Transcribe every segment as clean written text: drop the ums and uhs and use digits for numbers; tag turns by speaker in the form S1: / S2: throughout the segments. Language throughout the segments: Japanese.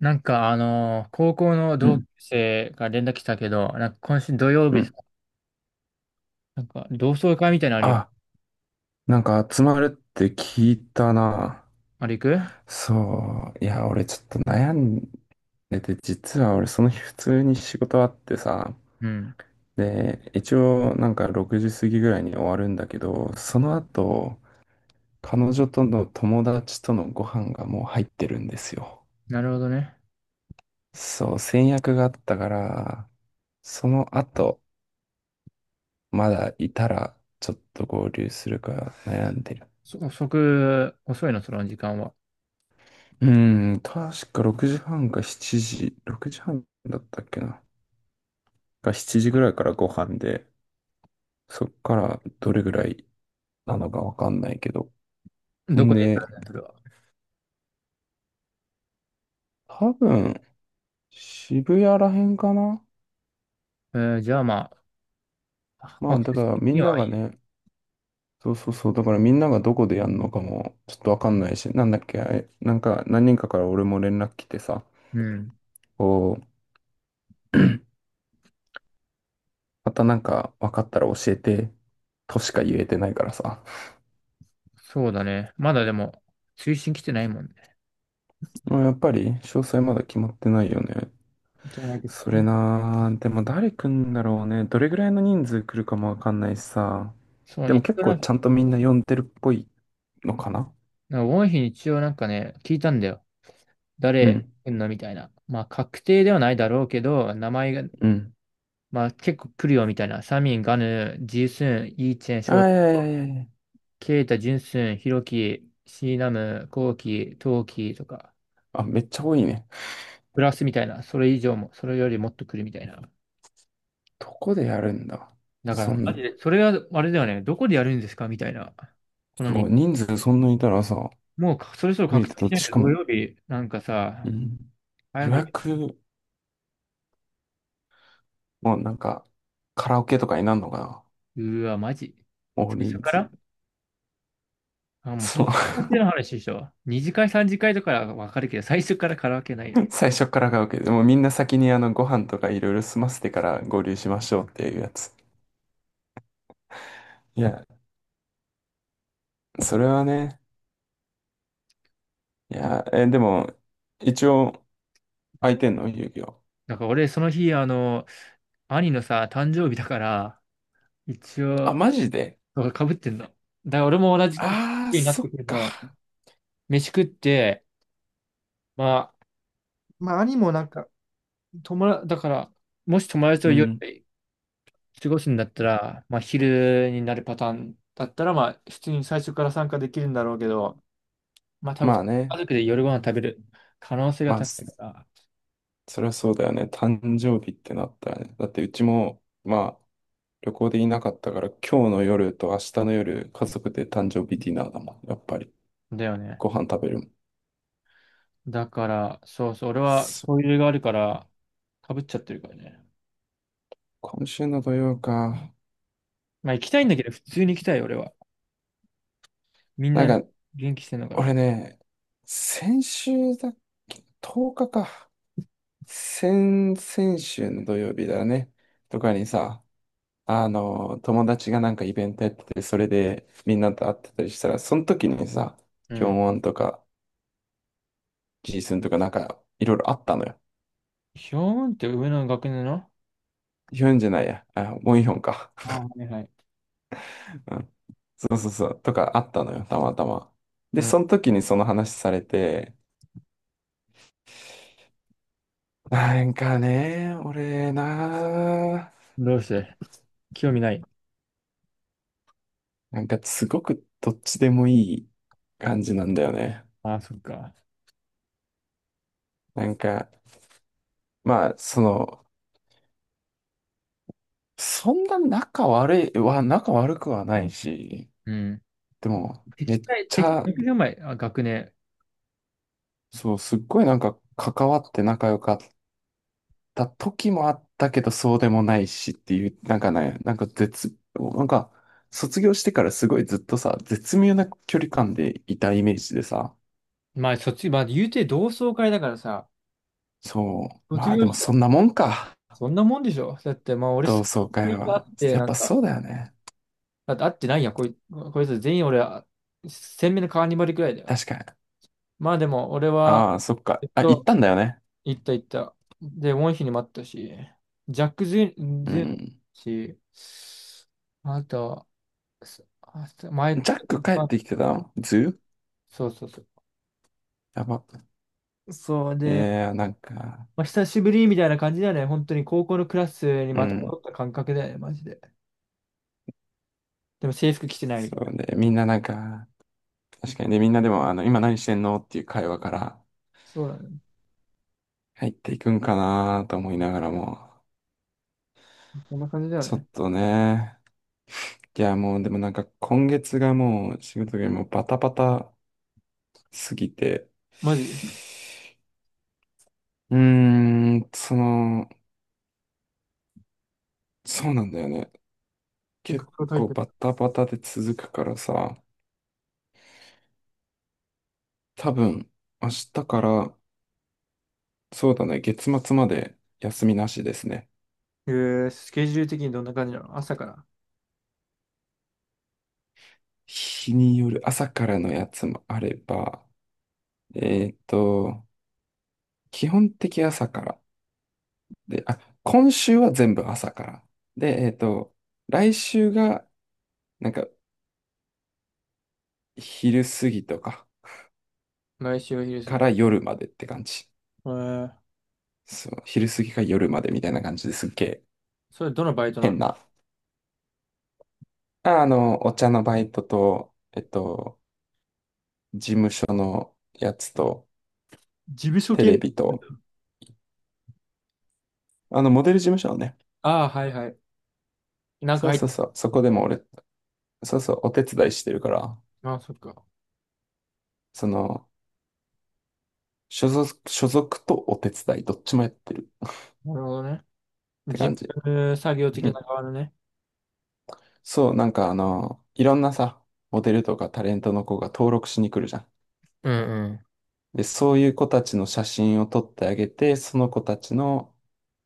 S1: なんか高校の
S2: う
S1: 同級
S2: ん。
S1: 生が連絡来たけど、なんか今週土曜
S2: う
S1: 日さ、
S2: ん。
S1: なんか同窓会みたいなのあるよ。
S2: あ、なんか集まるって聞いたな。
S1: あれ行く？
S2: そう。いや、俺ちょっと悩んでて、実は俺その日普通に仕事あってさ。
S1: うん。
S2: で、一応なんか6時過ぎぐらいに終わるんだけど、その後、彼女との友達とのご飯がもう入ってるんですよ。
S1: なるほどね。
S2: そう、先約があったから、その後、まだいたらちょっと合流するか悩んでる。
S1: そ、遅く、遅いの、その時間は？
S2: うん、確か6時半か7時、6時半だったっけな。か7時ぐらいからご飯で、そっからどれぐらいなのかわかんないけど。
S1: ど
S2: ん
S1: こで行
S2: で、
S1: くの、それは？
S2: 多分、渋谷らへんかな。
S1: じゃあまあ、
S2: ま
S1: ア
S2: あ、
S1: ク
S2: だ
S1: セ
S2: か
S1: ス
S2: ら
S1: 的
S2: み
S1: に
S2: んな
S1: はい
S2: が
S1: いね。
S2: ね、そうそうそう、だからみんながどこでやるのかもちょっとわかんないし、なんだっけ、あれなんか何人かから俺も連絡来てさ、
S1: うん。
S2: こう、またなんかわかったら教えて、としか言えてないからさ。
S1: そうだね。まだでも、推進来てないもんね。
S2: まあやっぱり詳細まだ決まってないよね。
S1: じゃないと、
S2: それなー、でも誰来んだろうね。どれぐらいの人数来るかもわかんないしさ。
S1: そ
S2: で
S1: う、
S2: も
S1: 一
S2: 結
S1: 応な
S2: 構
S1: んか、
S2: ちゃんとみんな呼んでるっぽいのかな。
S1: なんか多い日に一応なんかね、聞いたんだよ。
S2: う
S1: 誰
S2: ん、
S1: 来んのみたいな。まあ、確定ではないだろうけど、名前が、
S2: うん。
S1: まあ結構来るよみたいな。サミン、ガヌ、ジスン、イーチェン、シ
S2: あ
S1: ョ
S2: ー、
S1: ウ、
S2: いやいやいやいや。
S1: ケイタ、ジュンスン、ヒロキ、シーナム、コウキ、トウキとか、
S2: あ、めっちゃ多いね。
S1: プラスみたいな。それ以上も、それよりもっと来るみたいな。
S2: どこでやるんだ。
S1: だから、
S2: そん
S1: マ
S2: な。
S1: ジで、それはあれだよね。どこでやるんですかみたいな。この
S2: そ
S1: に、
S2: う、人数そんなにいたらさ、
S1: もうかそろそろ
S2: 見れ
S1: 確
S2: て
S1: 定
S2: た
S1: し
S2: っ
S1: な
S2: て、
S1: い
S2: し
S1: と
S2: か
S1: 土
S2: も、
S1: 曜日、なんか
S2: う
S1: さ、
S2: ん、
S1: 早
S2: 予
S1: く、
S2: 約もなんか、カラオケとかになるのかな。
S1: うわ、マジ。
S2: 大
S1: 最初
S2: 人
S1: か
S2: 数。
S1: ら、あ、もう
S2: そう、
S1: 結果っの話でしょ？二次会、三次会とかはわかるけど、最初からカラオケないよ ね。
S2: 最初からカラオケでもうみんな先にご飯とかいろいろ済ませてから合流しましょうっていうやつ。いや、それはね。いや、え、でも、一応、空いてんの遊戯王。
S1: なんか俺、その日、兄のさ、誕生日だから、一
S2: あ、
S1: 応、
S2: マジで。
S1: そうかぶってんの。だから俺も同じ日
S2: ああー、
S1: になっ
S2: そ
S1: て
S2: っ
S1: くる
S2: か。
S1: な。飯食って、まあ、まあ、兄もなんか、友達、だから、もし友達と
S2: う
S1: 夜
S2: ん。
S1: 過ごすんだったら、まあ、昼になるパターンだったら、まあ、普通に最初から参加できるんだろうけど、まあ、多
S2: ま
S1: 分、
S2: あね。
S1: 家族で夜ご飯食べる可能性が
S2: まあ、
S1: 高いから、
S2: それはそうだよね。誕生日ってなったらね。だって、うちも、まあ、旅行でいなかったから、今日の夜と明日の夜、家族で誕生日ディナーだもん。やっぱり、
S1: だよね。
S2: ご飯食べるもん。
S1: だから、そうそう、俺は、
S2: そ、
S1: トイレがあるから、かぶっちゃってるからね。
S2: 今週の土曜か。
S1: まあ行きたいんだけど、普通に行きたい、俺は。みん
S2: なん
S1: な
S2: か、
S1: 元気してんのかな。
S2: 俺ね、先週だっけ？ 10 日かか。先週の土曜日だね。とかにさ、あの、友達がなんかイベントやってて、それでみんなと会ってたりしたら、その時にさ、
S1: う
S2: キョ
S1: ん。
S2: ンウォンとか、ジースンとかなんか、いろいろあったのよ。
S1: ヒョーンって上の学年の？
S2: ヒョンじゃないや。あ、ウォンヒョンか。
S1: ああ、はいはい。
S2: うん。そうそうそう。とかあったのよ、たまたま。
S1: う
S2: で、
S1: ん。
S2: その時にその話されて、なんかね、俺な、
S1: どうして興味ない。
S2: なんかすごくどっちでもいい感じなんだよね。
S1: ああ、そっか。
S2: なんか、まあ、その、そんな仲悪いは、仲悪くはないし、
S1: うん。
S2: でも、め
S1: 敵
S2: っ
S1: 対、
S2: ち
S1: 敵、
S2: ゃ、
S1: 学年前、あ、学年。
S2: そう、すっごいなんか関わって仲良かった時もあったけど、そうでもないしっていう、なんかね、なんか絶、なんか、卒業してからすごいずっとさ、絶妙な距離感でいたイメージでさ、
S1: まあ、まあ、言うて同窓会だからさ、
S2: そう、
S1: 卒
S2: まあで
S1: 業
S2: も
S1: し
S2: そ
S1: た、
S2: んなもんか、
S1: そんなもんでしょだって、まあ、俺、
S2: 同窓会
S1: みんな会
S2: は。
S1: って、
S2: やっ
S1: な
S2: ぱ
S1: んか、
S2: そうだよね。
S1: だって会ってないやん、こいつ全員俺、鮮明なカーニバルくらいだよ。
S2: 確かに。
S1: まあ、でも、俺は、
S2: ああ、そっ
S1: ず
S2: か。
S1: っ
S2: あ、行っ
S1: と
S2: たんだよね。
S1: 行った行った。で、ウォンヒに待ったし、ジャック・ジュン、
S2: う
S1: ジュン
S2: ん。
S1: し、あとは、すあす前、
S2: ジャック帰っ
S1: あ、
S2: てきてたのズー
S1: そうそうそ
S2: やば。
S1: う。そう
S2: い
S1: で、
S2: やー、なんか、
S1: まあ、久しぶりみたいな感じだよね。本当に高校のクラスに
S2: う
S1: また戻
S2: ん。
S1: った感覚だよね、マジで。でも制服着てないみ
S2: そ
S1: たいな。
S2: うね。みんななんか、確かにね、みんなでも、あの、今何してんのっていう会話から
S1: そうだね。
S2: 入っていくんかなと思いながらも、
S1: こんな感じだよ
S2: ちょっ
S1: ね。
S2: とね、いや、もうでもなんか今月がもう仕事がもうバタバタすぎて、
S1: マジ。
S2: うーん、その、そうなんだよね。
S1: 結
S2: 結
S1: 構高いっ
S2: 構
S1: て
S2: バタバタで続くからさ、多分、明日から、そうだね、月末まで休みなしですね。
S1: る。スケジュール的にどんな感じなの、朝から？
S2: 日による朝からのやつもあれば、えっと、基本的朝から。で、あ、今週は全部朝から。で、えっと、来週が、なんか、昼過ぎとか
S1: 毎週お昼過
S2: か
S1: ぎ。
S2: ら夜までって感じ。
S1: えー、
S2: そう、昼過ぎか夜までみたいな感じですっげえ
S1: それどのバイトな
S2: 変
S1: の？
S2: な。あ、あの、お茶のバイトと、えっと、事務所のやつと、
S1: 事務所
S2: テ
S1: 系をや
S2: レ
S1: っ
S2: ビ
S1: てんだ？
S2: と、あの、モデル事務所のね、
S1: ああー、はいはい。なんか
S2: そうそうそう、そこでも俺、そうそう、お手伝いしてるから、
S1: ああ、そっか。
S2: その、所属とお手伝い、どっちもやってるっ
S1: なるほどね。
S2: て
S1: 事
S2: 感じ。
S1: 務作業的
S2: う
S1: な
S2: ん。
S1: 側のね。
S2: そう、なんかあの、いろんなさ、モデルとかタレントの子が登録しに来るじゃん。
S1: うんうん。
S2: で、そういう子たちの写真を撮ってあげて、その子たちの、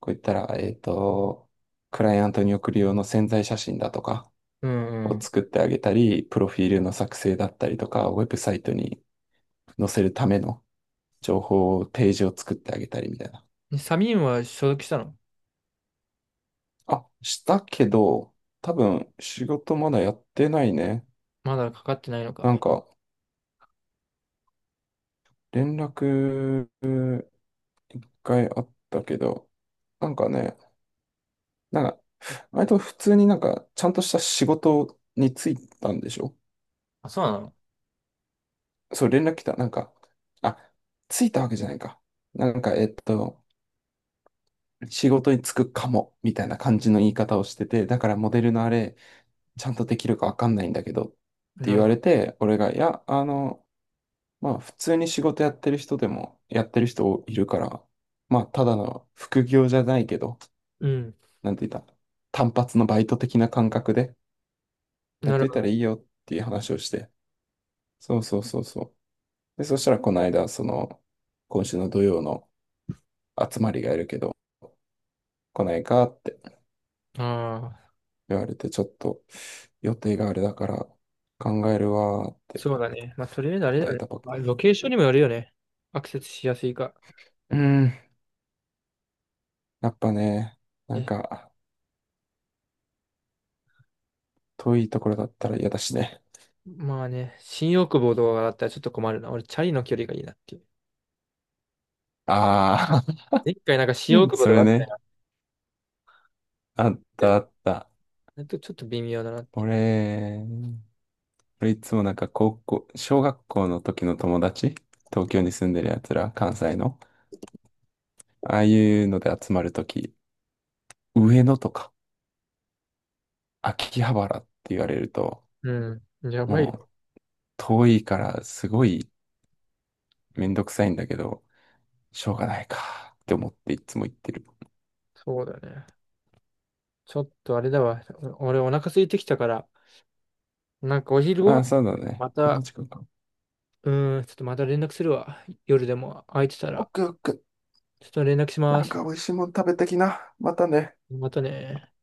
S2: こう言ったら、えっと、クライアントに送る用の宣材写真だとか
S1: うんう
S2: を
S1: ん。
S2: 作ってあげたり、プロフィールの作成だったりとか、ウェブサイトに載せるための情報を、ページを作ってあげたりみたいな。
S1: でサミンは所属したの？
S2: あ、したけど、多分仕事まだやってないね。
S1: まだかかってないの
S2: なん
S1: か。
S2: か連絡一回あったけど、なんかね、なんか、割と普通になんかちゃんとした仕事に就いたんでしょ？
S1: あ、そうなの？
S2: そう、連絡来た。なんか、あ、着いたわけじゃないか。なんか、えっと、仕事に就くかも、みたいな感じの言い方をしてて、だからモデルのあれ、ちゃんとできるかわかんないんだけど、って
S1: な
S2: 言
S1: る
S2: わ
S1: ほ
S2: れ
S1: ど。
S2: て、俺が、いや、あの、まあ普通に仕事やってる人でもやってる人いるから、まあただの副業じゃないけど、
S1: うん。
S2: なんて言った、単発のバイト的な感覚でやっ
S1: な
S2: と
S1: る
S2: い
S1: ほ
S2: た
S1: ど。
S2: らいいよっていう話をして、そうそうそうそう。で、そしたらこの間、その、今週の土曜の集まりがいるけど、来ないかって
S1: ああ、
S2: 言われて、ちょっと予定があれだから考えるわーって
S1: そうだね。まあ、とりあえずあれ
S2: 答
S1: だ
S2: え
S1: ね。
S2: たばっ
S1: ま
S2: か
S1: あ、
S2: り。
S1: ロケーションにもよるよね。アクセスしやすいか。
S2: うーん、やっぱね、な
S1: え、
S2: んか遠いところだったら嫌だしね。
S1: まあね、新大久保とかだったらちょっと困るな。俺、チャリの距離がいいなっていう。
S2: ああ、
S1: 一回なんか新
S2: う
S1: 大
S2: ん。
S1: 久保
S2: そ
S1: とか
S2: れ
S1: あった
S2: ね。
S1: らやっ
S2: あっ
S1: て
S2: たあ
S1: る。
S2: った。
S1: ちょっと微妙だなって。
S2: 俺、俺いつもなんか小学校の時の友達、東京に住んでる奴ら、関西の、ああいうので集まる時、上野とか秋葉原って言われると、
S1: うん。やばい
S2: も
S1: よ。
S2: う遠いからすごいめんどくさいんだけど、しょうがないかって思っていつも行ってる。
S1: そうだね。ちょっとあれだわ。俺お腹空いてきたから、なんかお昼
S2: あ
S1: ご
S2: あ、
S1: 飯、
S2: そうだね。
S1: ま
S2: こんな
S1: た、
S2: 時間か。
S1: うちょっとまた連絡するわ。夜でも空いてた
S2: オッ
S1: ら、
S2: ケーオッケー。
S1: ちょっと連絡しま
S2: なん
S1: す。
S2: か美味しいもん食べてきな。またね。
S1: またね。